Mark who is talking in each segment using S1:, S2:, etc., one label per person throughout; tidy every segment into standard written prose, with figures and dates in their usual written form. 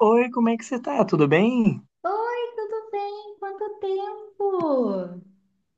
S1: Oi, como é que você tá? Tudo bem?
S2: Oi, tudo bem? Quanto tempo?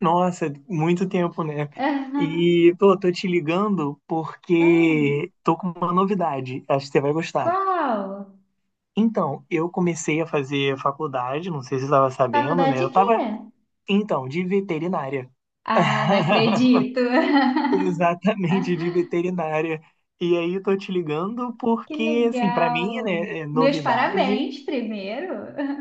S1: Nossa, muito tempo, né? E, pô, tô te ligando
S2: Ah,
S1: porque tô com uma novidade, acho que você vai gostar.
S2: qual?
S1: Então, eu comecei a fazer faculdade, não sei se você estava sabendo,
S2: Faculdade
S1: né?
S2: de
S1: Eu
S2: quê?
S1: tava, então, de veterinária.
S2: Ah, não acredito.
S1: Exatamente, de veterinária. E aí, tô te ligando
S2: Que
S1: porque, assim, pra mim,
S2: legal.
S1: né, é
S2: Meus
S1: novidade.
S2: parabéns primeiro.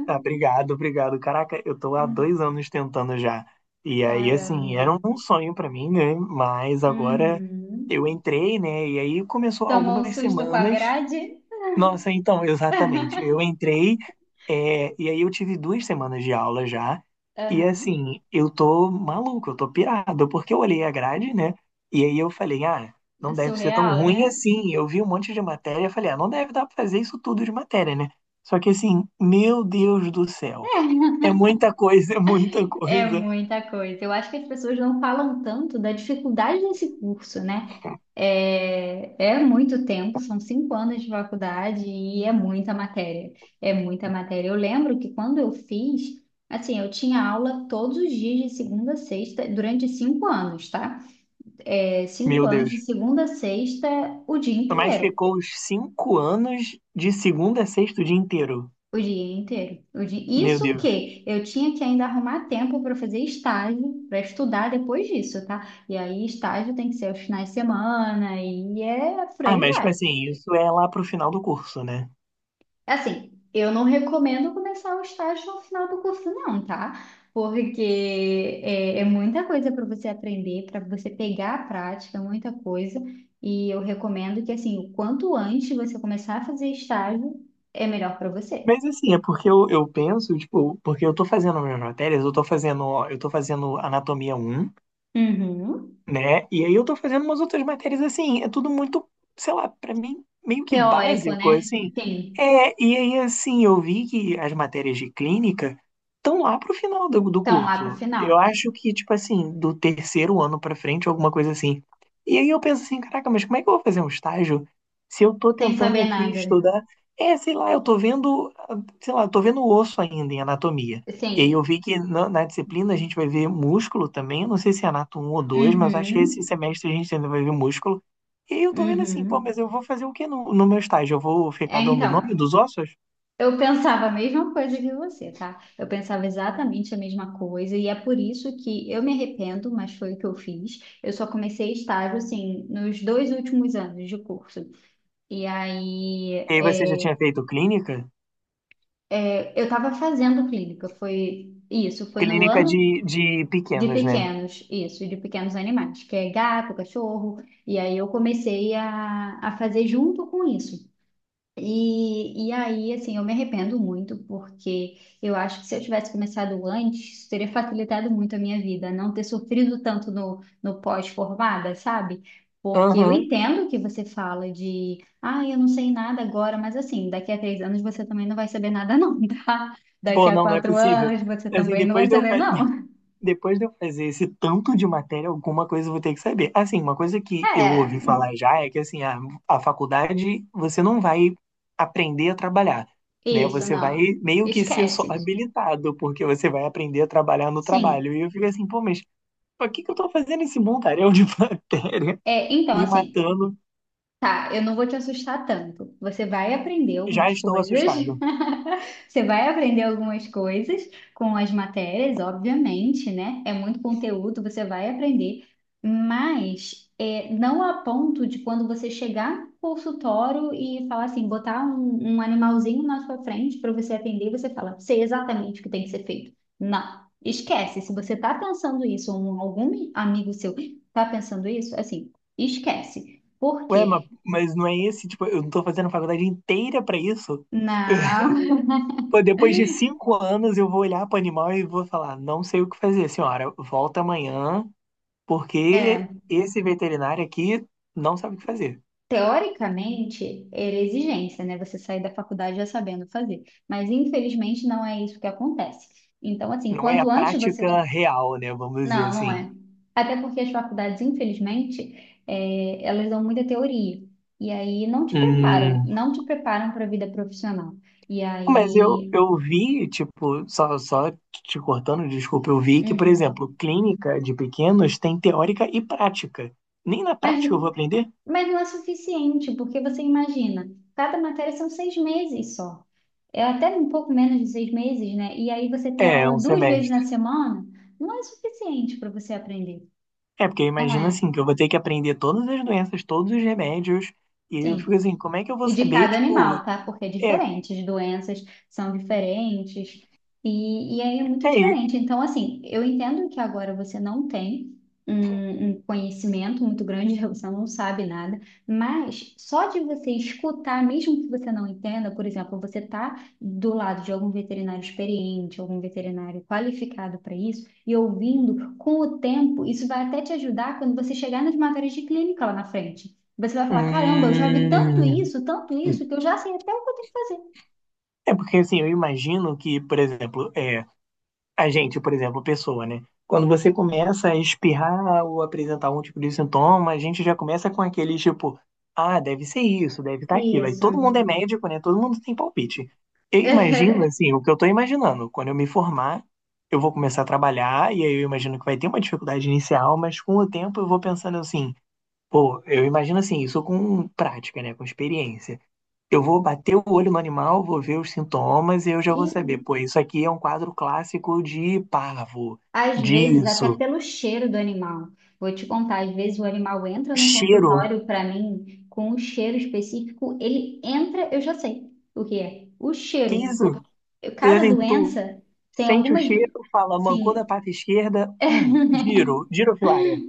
S1: Ah, obrigado, obrigado. Caraca, eu tô há
S2: Hum.
S1: 2 anos tentando já. E aí, assim,
S2: Caramba.
S1: era um sonho pra mim, né? Mas agora eu
S2: Uhum.
S1: entrei, né? E aí começou
S2: Tomou um
S1: algumas
S2: susto com a
S1: semanas.
S2: grade?
S1: Nossa, então, exatamente. Eu entrei, é, e aí eu tive 2 semanas de aula já, e
S2: Aham.
S1: assim, eu tô maluco, eu tô pirado, porque eu olhei a grade, né? E aí eu falei, ah, não deve ser tão
S2: Surreal,
S1: ruim
S2: né?
S1: assim. Eu vi um monte de matéria, falei, ah, não deve dar pra fazer isso tudo de matéria, né? Só que assim, meu Deus do céu, é muita coisa, é muita
S2: É
S1: coisa,
S2: muita coisa. Eu acho que as pessoas não falam tanto da dificuldade desse curso, né? É, é muito tempo, são cinco anos de faculdade e é muita matéria. É muita matéria. Eu lembro que quando eu fiz, assim, eu tinha aula todos os dias de segunda a sexta, durante cinco anos, tá? É, cinco
S1: meu
S2: anos
S1: Deus.
S2: de segunda a sexta, o dia
S1: Mas
S2: inteiro.
S1: ficou os 5 anos de segunda a sexta o dia inteiro,
S2: O dia inteiro.
S1: meu
S2: Isso
S1: Deus.
S2: que eu tinha que ainda arrumar tempo para fazer estágio, para estudar depois disso, tá? E aí, estágio tem que ser aos finais de semana, e é por
S1: Ah,
S2: aí
S1: mas, tipo
S2: vai.
S1: assim, isso é lá pro final do curso, né?
S2: Assim, eu não recomendo começar o estágio no final do curso, não, tá? Porque é muita coisa para você aprender, para você pegar a prática, muita coisa. E eu recomendo que, assim, o quanto antes você começar a fazer estágio, é melhor para você.
S1: Mas, assim, é porque eu penso, tipo, porque eu tô fazendo minhas matérias, eu tô fazendo Anatomia um,
S2: Uhum.
S1: né? E aí eu tô fazendo umas outras matérias assim, é tudo muito, sei lá, pra mim meio que
S2: Teórico,
S1: básico,
S2: né?
S1: assim.
S2: Sim.
S1: É, e aí assim, eu vi que as matérias de clínica estão lá pro final do
S2: Estão lá pro
S1: curso. Eu
S2: final,
S1: acho que, tipo assim, do terceiro ano pra frente, alguma coisa assim. E aí eu penso assim, caraca, mas como é que eu vou fazer um estágio se eu tô
S2: sem
S1: tentando
S2: saber
S1: aqui
S2: nada.
S1: estudar? É, sei lá, eu tô vendo, ah, sei lá, eu tô vendo osso ainda em anatomia. E aí eu
S2: Assim,
S1: vi que na disciplina a gente vai ver músculo também. Eu não sei se é anato um ou dois mas acho que esse
S2: uhum,
S1: semestre a gente ainda vai ver músculo. E aí eu tô vendo assim, pô,
S2: uhum.
S1: mas eu vou fazer o que no meu estágio? Eu vou
S2: É,
S1: ficar dando o
S2: então,
S1: nome dos ossos?
S2: eu pensava a mesma coisa que você, tá? Eu pensava exatamente a mesma coisa, e é por isso que eu me arrependo, mas foi o que eu fiz. Eu só comecei estágio, assim, nos dois últimos anos de curso. E aí,
S1: E aí você já tinha feito clínica?
S2: eu tava fazendo clínica, foi isso, foi no
S1: Clínica
S2: ano.
S1: de
S2: De
S1: pequenos, né?
S2: pequenos, isso, de pequenos animais, que é gato, cachorro, e aí eu comecei a fazer junto com isso. E aí, assim, eu me arrependo muito, porque eu acho que se eu tivesse começado antes, isso teria facilitado muito a minha vida, não ter sofrido tanto no pós-formada, sabe? Porque eu
S1: Aham.
S2: entendo que você fala de, ah, eu não sei nada agora, mas assim, daqui a três anos você também não vai saber nada, não, tá? Daqui
S1: Pô,
S2: a
S1: não, não é
S2: quatro
S1: possível.
S2: anos você
S1: Assim,
S2: também não
S1: depois
S2: vai
S1: de eu,
S2: saber,
S1: fa-
S2: não.
S1: Depois de eu fazer esse tanto de matéria, alguma coisa eu vou ter que saber. Assim, uma coisa que eu ouvi
S2: É,
S1: falar já é que assim, a faculdade você não vai aprender a trabalhar, né?
S2: isso,
S1: Você vai
S2: não.
S1: meio que ser só
S2: Esquece.
S1: habilitado, porque você vai aprender a trabalhar no
S2: Sim.
S1: trabalho. E eu fico assim, pô, mas pra que que eu tô fazendo esse montaréu de matéria
S2: É, então,
S1: me
S2: assim,
S1: matando?
S2: tá, eu não vou te assustar tanto. Você vai aprender
S1: Já
S2: algumas
S1: estou
S2: coisas.
S1: assustado.
S2: Você vai aprender algumas coisas com as matérias, obviamente, né? É muito conteúdo, você vai aprender, mas é, não a ponto de quando você chegar no consultório e falar assim, botar um animalzinho na sua frente para você atender, você fala, sei exatamente o que tem que ser feito. Não, esquece. Se você tá pensando isso, ou algum amigo seu tá pensando isso, assim, esquece. Por
S1: Ué, mas,
S2: quê?
S1: mas não é esse, tipo, eu não tô fazendo a faculdade inteira pra isso?
S2: Não,
S1: Pô, depois de 5 anos, eu vou olhar para o animal e vou falar: não sei o que fazer, senhora. Volta amanhã, porque
S2: é.
S1: esse veterinário aqui não sabe o que fazer.
S2: Teoricamente, era exigência, né? Você sair da faculdade já sabendo fazer. Mas, infelizmente, não é isso que acontece. Então, assim,
S1: Não é a
S2: quanto antes você.
S1: prática real, né? Vamos dizer
S2: Não, não
S1: assim.
S2: é. Até porque as faculdades, infelizmente, elas dão muita teoria. E aí não te preparam.
S1: Hum,
S2: Não te preparam para a vida profissional. E
S1: mas eu,
S2: aí.
S1: eu vi, tipo, só te cortando, desculpa, eu vi que, por
S2: Uhum.
S1: exemplo, clínica de pequenos tem teórica e prática. Nem na
S2: Mas,
S1: prática eu vou aprender?
S2: mas não é suficiente, porque você imagina, cada matéria são seis meses só. É até um pouco menos de seis meses, né? E aí você ter
S1: É,
S2: aula
S1: um
S2: duas vezes
S1: semestre.
S2: na semana não é suficiente para você aprender,
S1: É, porque eu
S2: não
S1: imagino
S2: é?
S1: assim, que eu vou ter que aprender todas as doenças, todos os remédios, e eu fico
S2: Sim.
S1: assim, como é que eu vou
S2: E de
S1: saber,
S2: cada
S1: tipo,
S2: animal, tá? Porque é
S1: é,
S2: diferente, as doenças são diferentes, e aí é muito
S1: é,
S2: diferente. Então, assim, eu entendo que agora você não tem um conhecimento muito grande, você não sabe nada, mas só de você escutar, mesmo que você não entenda, por exemplo, você tá do lado de algum veterinário experiente, algum veterinário qualificado para isso, e ouvindo, com o tempo, isso vai até te ajudar quando você chegar nas matérias de clínica lá na frente. Você vai falar, caramba, eu já vi
S1: hum,
S2: tanto isso, que eu já sei até o que eu tenho que fazer.
S1: porque assim, eu imagino que, por exemplo, a gente, por exemplo, pessoa, né? Quando você começa a espirrar ou apresentar algum tipo de sintoma, a gente já começa com aqueles tipo, ah, deve ser isso, deve estar aquilo. Aí
S2: Isso.
S1: todo mundo é médico, né? Todo mundo tem palpite. Eu imagino, assim, o que eu tô imaginando. Quando eu me formar, eu vou começar a trabalhar, e aí eu imagino que vai ter uma dificuldade inicial, mas com o tempo eu vou pensando assim, pô, eu imagino assim, isso com prática, né? Com experiência. Eu vou bater o olho no animal, vou ver os sintomas e eu já vou
S2: E
S1: saber. Pô, isso aqui é um quadro clássico de parvo,
S2: às vezes, até
S1: disso,
S2: pelo cheiro do animal. Vou te contar, às vezes o animal entra no
S1: cheiro,
S2: consultório para mim com um cheiro específico, ele entra, eu já sei o que é. O
S1: que
S2: cheiro.
S1: isso?
S2: Porque cada
S1: Assim, tu
S2: doença tem
S1: sente o
S2: algumas,
S1: cheiro,
S2: do...
S1: fala, mancou da
S2: Sim.
S1: pata esquerda, girofilária.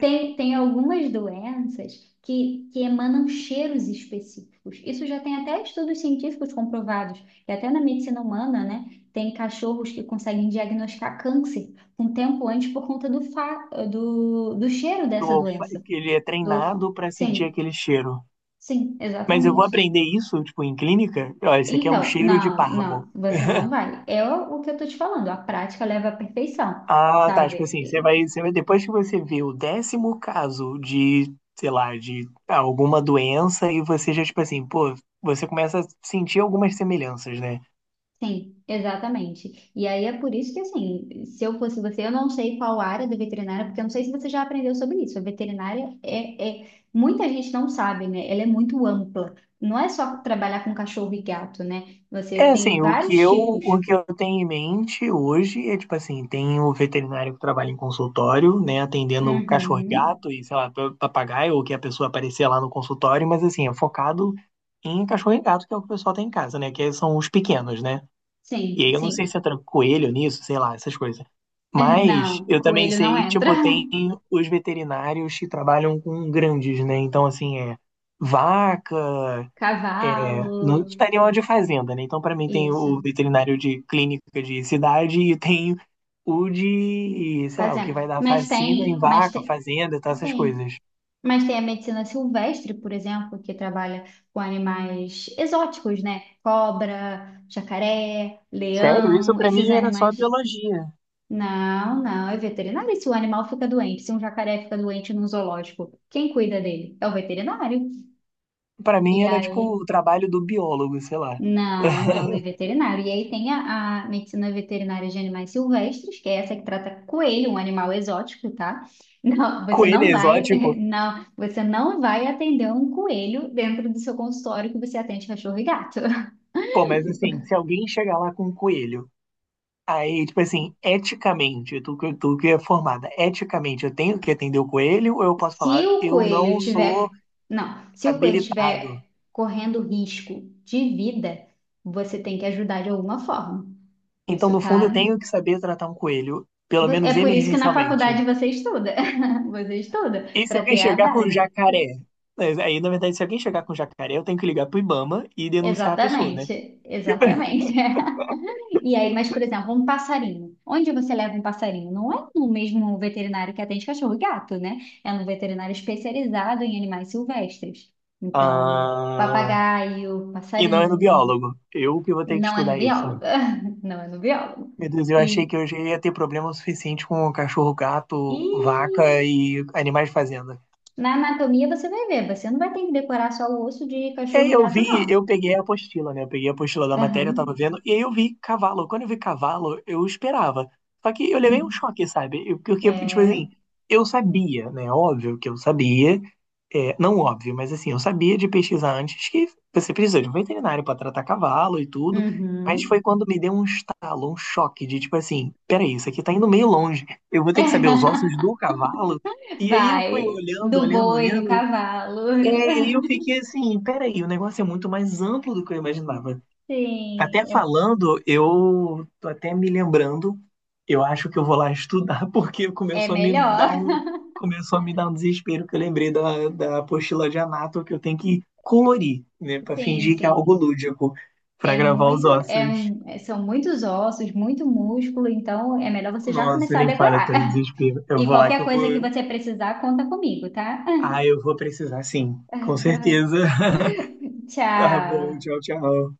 S2: Tem algumas doenças que emanam cheiros específicos. Isso já tem até estudos científicos comprovados. E até na medicina humana, né? Tem cachorros que conseguem diagnosticar câncer um tempo antes por conta do cheiro dessa
S1: Então, fa-
S2: doença.
S1: Ele é treinado para sentir
S2: Sim,
S1: aquele cheiro.
S2: sim,
S1: Mas eu vou
S2: exatamente.
S1: aprender isso, tipo, em clínica? Ó, esse aqui é um
S2: Então,
S1: cheiro de
S2: não, não,
S1: parvo.
S2: você não vai. É o que eu tô te falando. A prática leva à perfeição,
S1: Ah, tá. Tipo
S2: sabe?
S1: assim, você vai, depois que você vê o décimo caso de, sei lá, de alguma doença, e você já, tipo assim, pô, você começa a sentir algumas semelhanças, né?
S2: Sim, exatamente. E aí é por isso que, assim, se eu fosse você, eu não sei qual área do veterinário, porque eu não sei se você já aprendeu sobre isso. A veterinária é. Muita gente não sabe, né? Ela é muito ampla. Não é só trabalhar com cachorro e gato, né? Você
S1: É
S2: tem
S1: assim, o que
S2: vários
S1: eu, o
S2: tipos.
S1: que eu tenho em mente hoje é, tipo assim, tem o veterinário que trabalha em consultório, né, atendendo
S2: Uhum.
S1: cachorro-gato e, sei lá, papagaio, ou que a pessoa aparecer lá no consultório, mas assim, é focado em cachorro-gato, e gato, que é o que o pessoal tem em casa, né, que são os pequenos, né? E
S2: Sim,
S1: aí eu não sei
S2: sim.
S1: se entra coelho nisso, sei lá, essas coisas.
S2: É,
S1: Mas
S2: não,
S1: eu também
S2: coelho não
S1: sei,
S2: entra.
S1: tipo, tem os veterinários que trabalham com grandes, né? Então, assim, é vaca, é, não
S2: Cavalo,
S1: tá animal de fazenda, né? Então, pra mim, tem
S2: isso.
S1: o veterinário de clínica de cidade e tem o de, sei lá, o que
S2: Fazendo.
S1: vai dar vacina em vaca, fazenda, tá, essas
S2: Sim.
S1: coisas.
S2: Mas tem a medicina silvestre, por exemplo, que trabalha com animais exóticos, né? Cobra, jacaré,
S1: Sério, isso
S2: leão,
S1: pra
S2: esses
S1: mim era só
S2: animais.
S1: biologia.
S2: Não, não, é veterinário. E se o animal fica doente, se um jacaré fica doente num zoológico, quem cuida dele? É o veterinário.
S1: Pra
S2: E
S1: mim era, tipo,
S2: aí.
S1: o trabalho do biólogo, sei lá.
S2: Não, não, é veterinário. E aí tem a medicina veterinária de animais silvestres, que é essa que trata coelho, um animal exótico, tá? Não, você
S1: Coelho
S2: não vai,
S1: exótico,
S2: não, você não vai atender um coelho dentro do seu consultório que você atende cachorro e gato.
S1: pô, mas assim, se alguém chegar lá com um coelho, aí, tipo assim, eticamente, tu que é formada, eticamente, eu tenho que atender o coelho ou eu posso
S2: Se
S1: falar,
S2: o
S1: eu
S2: coelho
S1: não sou
S2: tiver, não, se o coelho
S1: habilitado?
S2: tiver correndo risco de vida, você tem que ajudar de alguma forma.
S1: Então,
S2: Isso
S1: no fundo, eu
S2: tá.
S1: tenho que saber tratar um coelho, pelo
S2: É
S1: menos
S2: por isso que na
S1: emergencialmente.
S2: faculdade você estuda. Você estuda
S1: E se
S2: para
S1: alguém
S2: ter a
S1: chegar com um
S2: base.
S1: jacaré? Mas aí, na verdade, se alguém chegar com um jacaré, eu tenho que ligar pro Ibama e denunciar a pessoa, né?
S2: Exatamente, exatamente. E aí, mas, por exemplo, um passarinho. Onde você leva um passarinho? Não é no mesmo veterinário que atende cachorro e gato, né? É um veterinário especializado em animais silvestres. Então,
S1: Ah,
S2: papagaio,
S1: e não é no
S2: passarinho,
S1: biólogo. Eu que vou ter que
S2: não é no
S1: estudar isso.
S2: biólogo. Não é no biólogo.
S1: Meu Deus, eu
S2: E,
S1: achei que eu já ia ter problema o suficiente com cachorro,
S2: e
S1: gato, vaca e animais de fazenda.
S2: na anatomia você vai ver, você não vai ter que decorar só o osso de
S1: É,
S2: cachorro e
S1: eu
S2: gato,
S1: vi,
S2: não.
S1: eu peguei a apostila, né? Eu peguei a apostila da matéria, eu tava
S2: Aham.
S1: vendo, e aí eu vi cavalo. Quando eu vi cavalo, eu esperava. Só que eu levei um
S2: Uhum.
S1: choque, sabe? Porque, tipo
S2: É.
S1: assim, eu sabia, né? Óbvio que eu sabia, é, não óbvio, mas assim, eu sabia de pesquisar antes que você precisa de um veterinário pra tratar cavalo e tudo. Mas
S2: Uhum.
S1: foi quando me deu um estalo, um choque de tipo assim, peraí, isso aqui tá indo meio longe. Eu vou ter que saber os ossos do cavalo. E aí eu fui
S2: Vai,
S1: olhando,
S2: do
S1: olhando,
S2: boi, do
S1: olhando.
S2: cavalo.
S1: É, e eu fiquei assim, peraí, o negócio é muito mais amplo do que eu imaginava.
S2: Sim,
S1: Até falando, eu tô até me lembrando, eu acho que eu vou lá estudar, porque
S2: é
S1: começou a me dar
S2: melhor.
S1: um, começou a me dar um desespero que eu lembrei da apostila de Anato que eu tenho que colorir, né, pra
S2: Sim,
S1: fingir que é algo
S2: sim.
S1: lúdico, pra
S2: É
S1: gravar os
S2: muito,
S1: ossos.
S2: são muitos ossos, muito músculo, então é melhor você já
S1: Nossa,
S2: começar a
S1: nem fala, eu
S2: decorar.
S1: tô em desespero. Eu
S2: E
S1: vou lá que
S2: qualquer
S1: eu
S2: coisa que
S1: vou.
S2: você precisar, conta comigo, tá?
S1: Ah, eu vou precisar sim, com certeza. Tá
S2: Tchau.
S1: bom, tchau, tchau.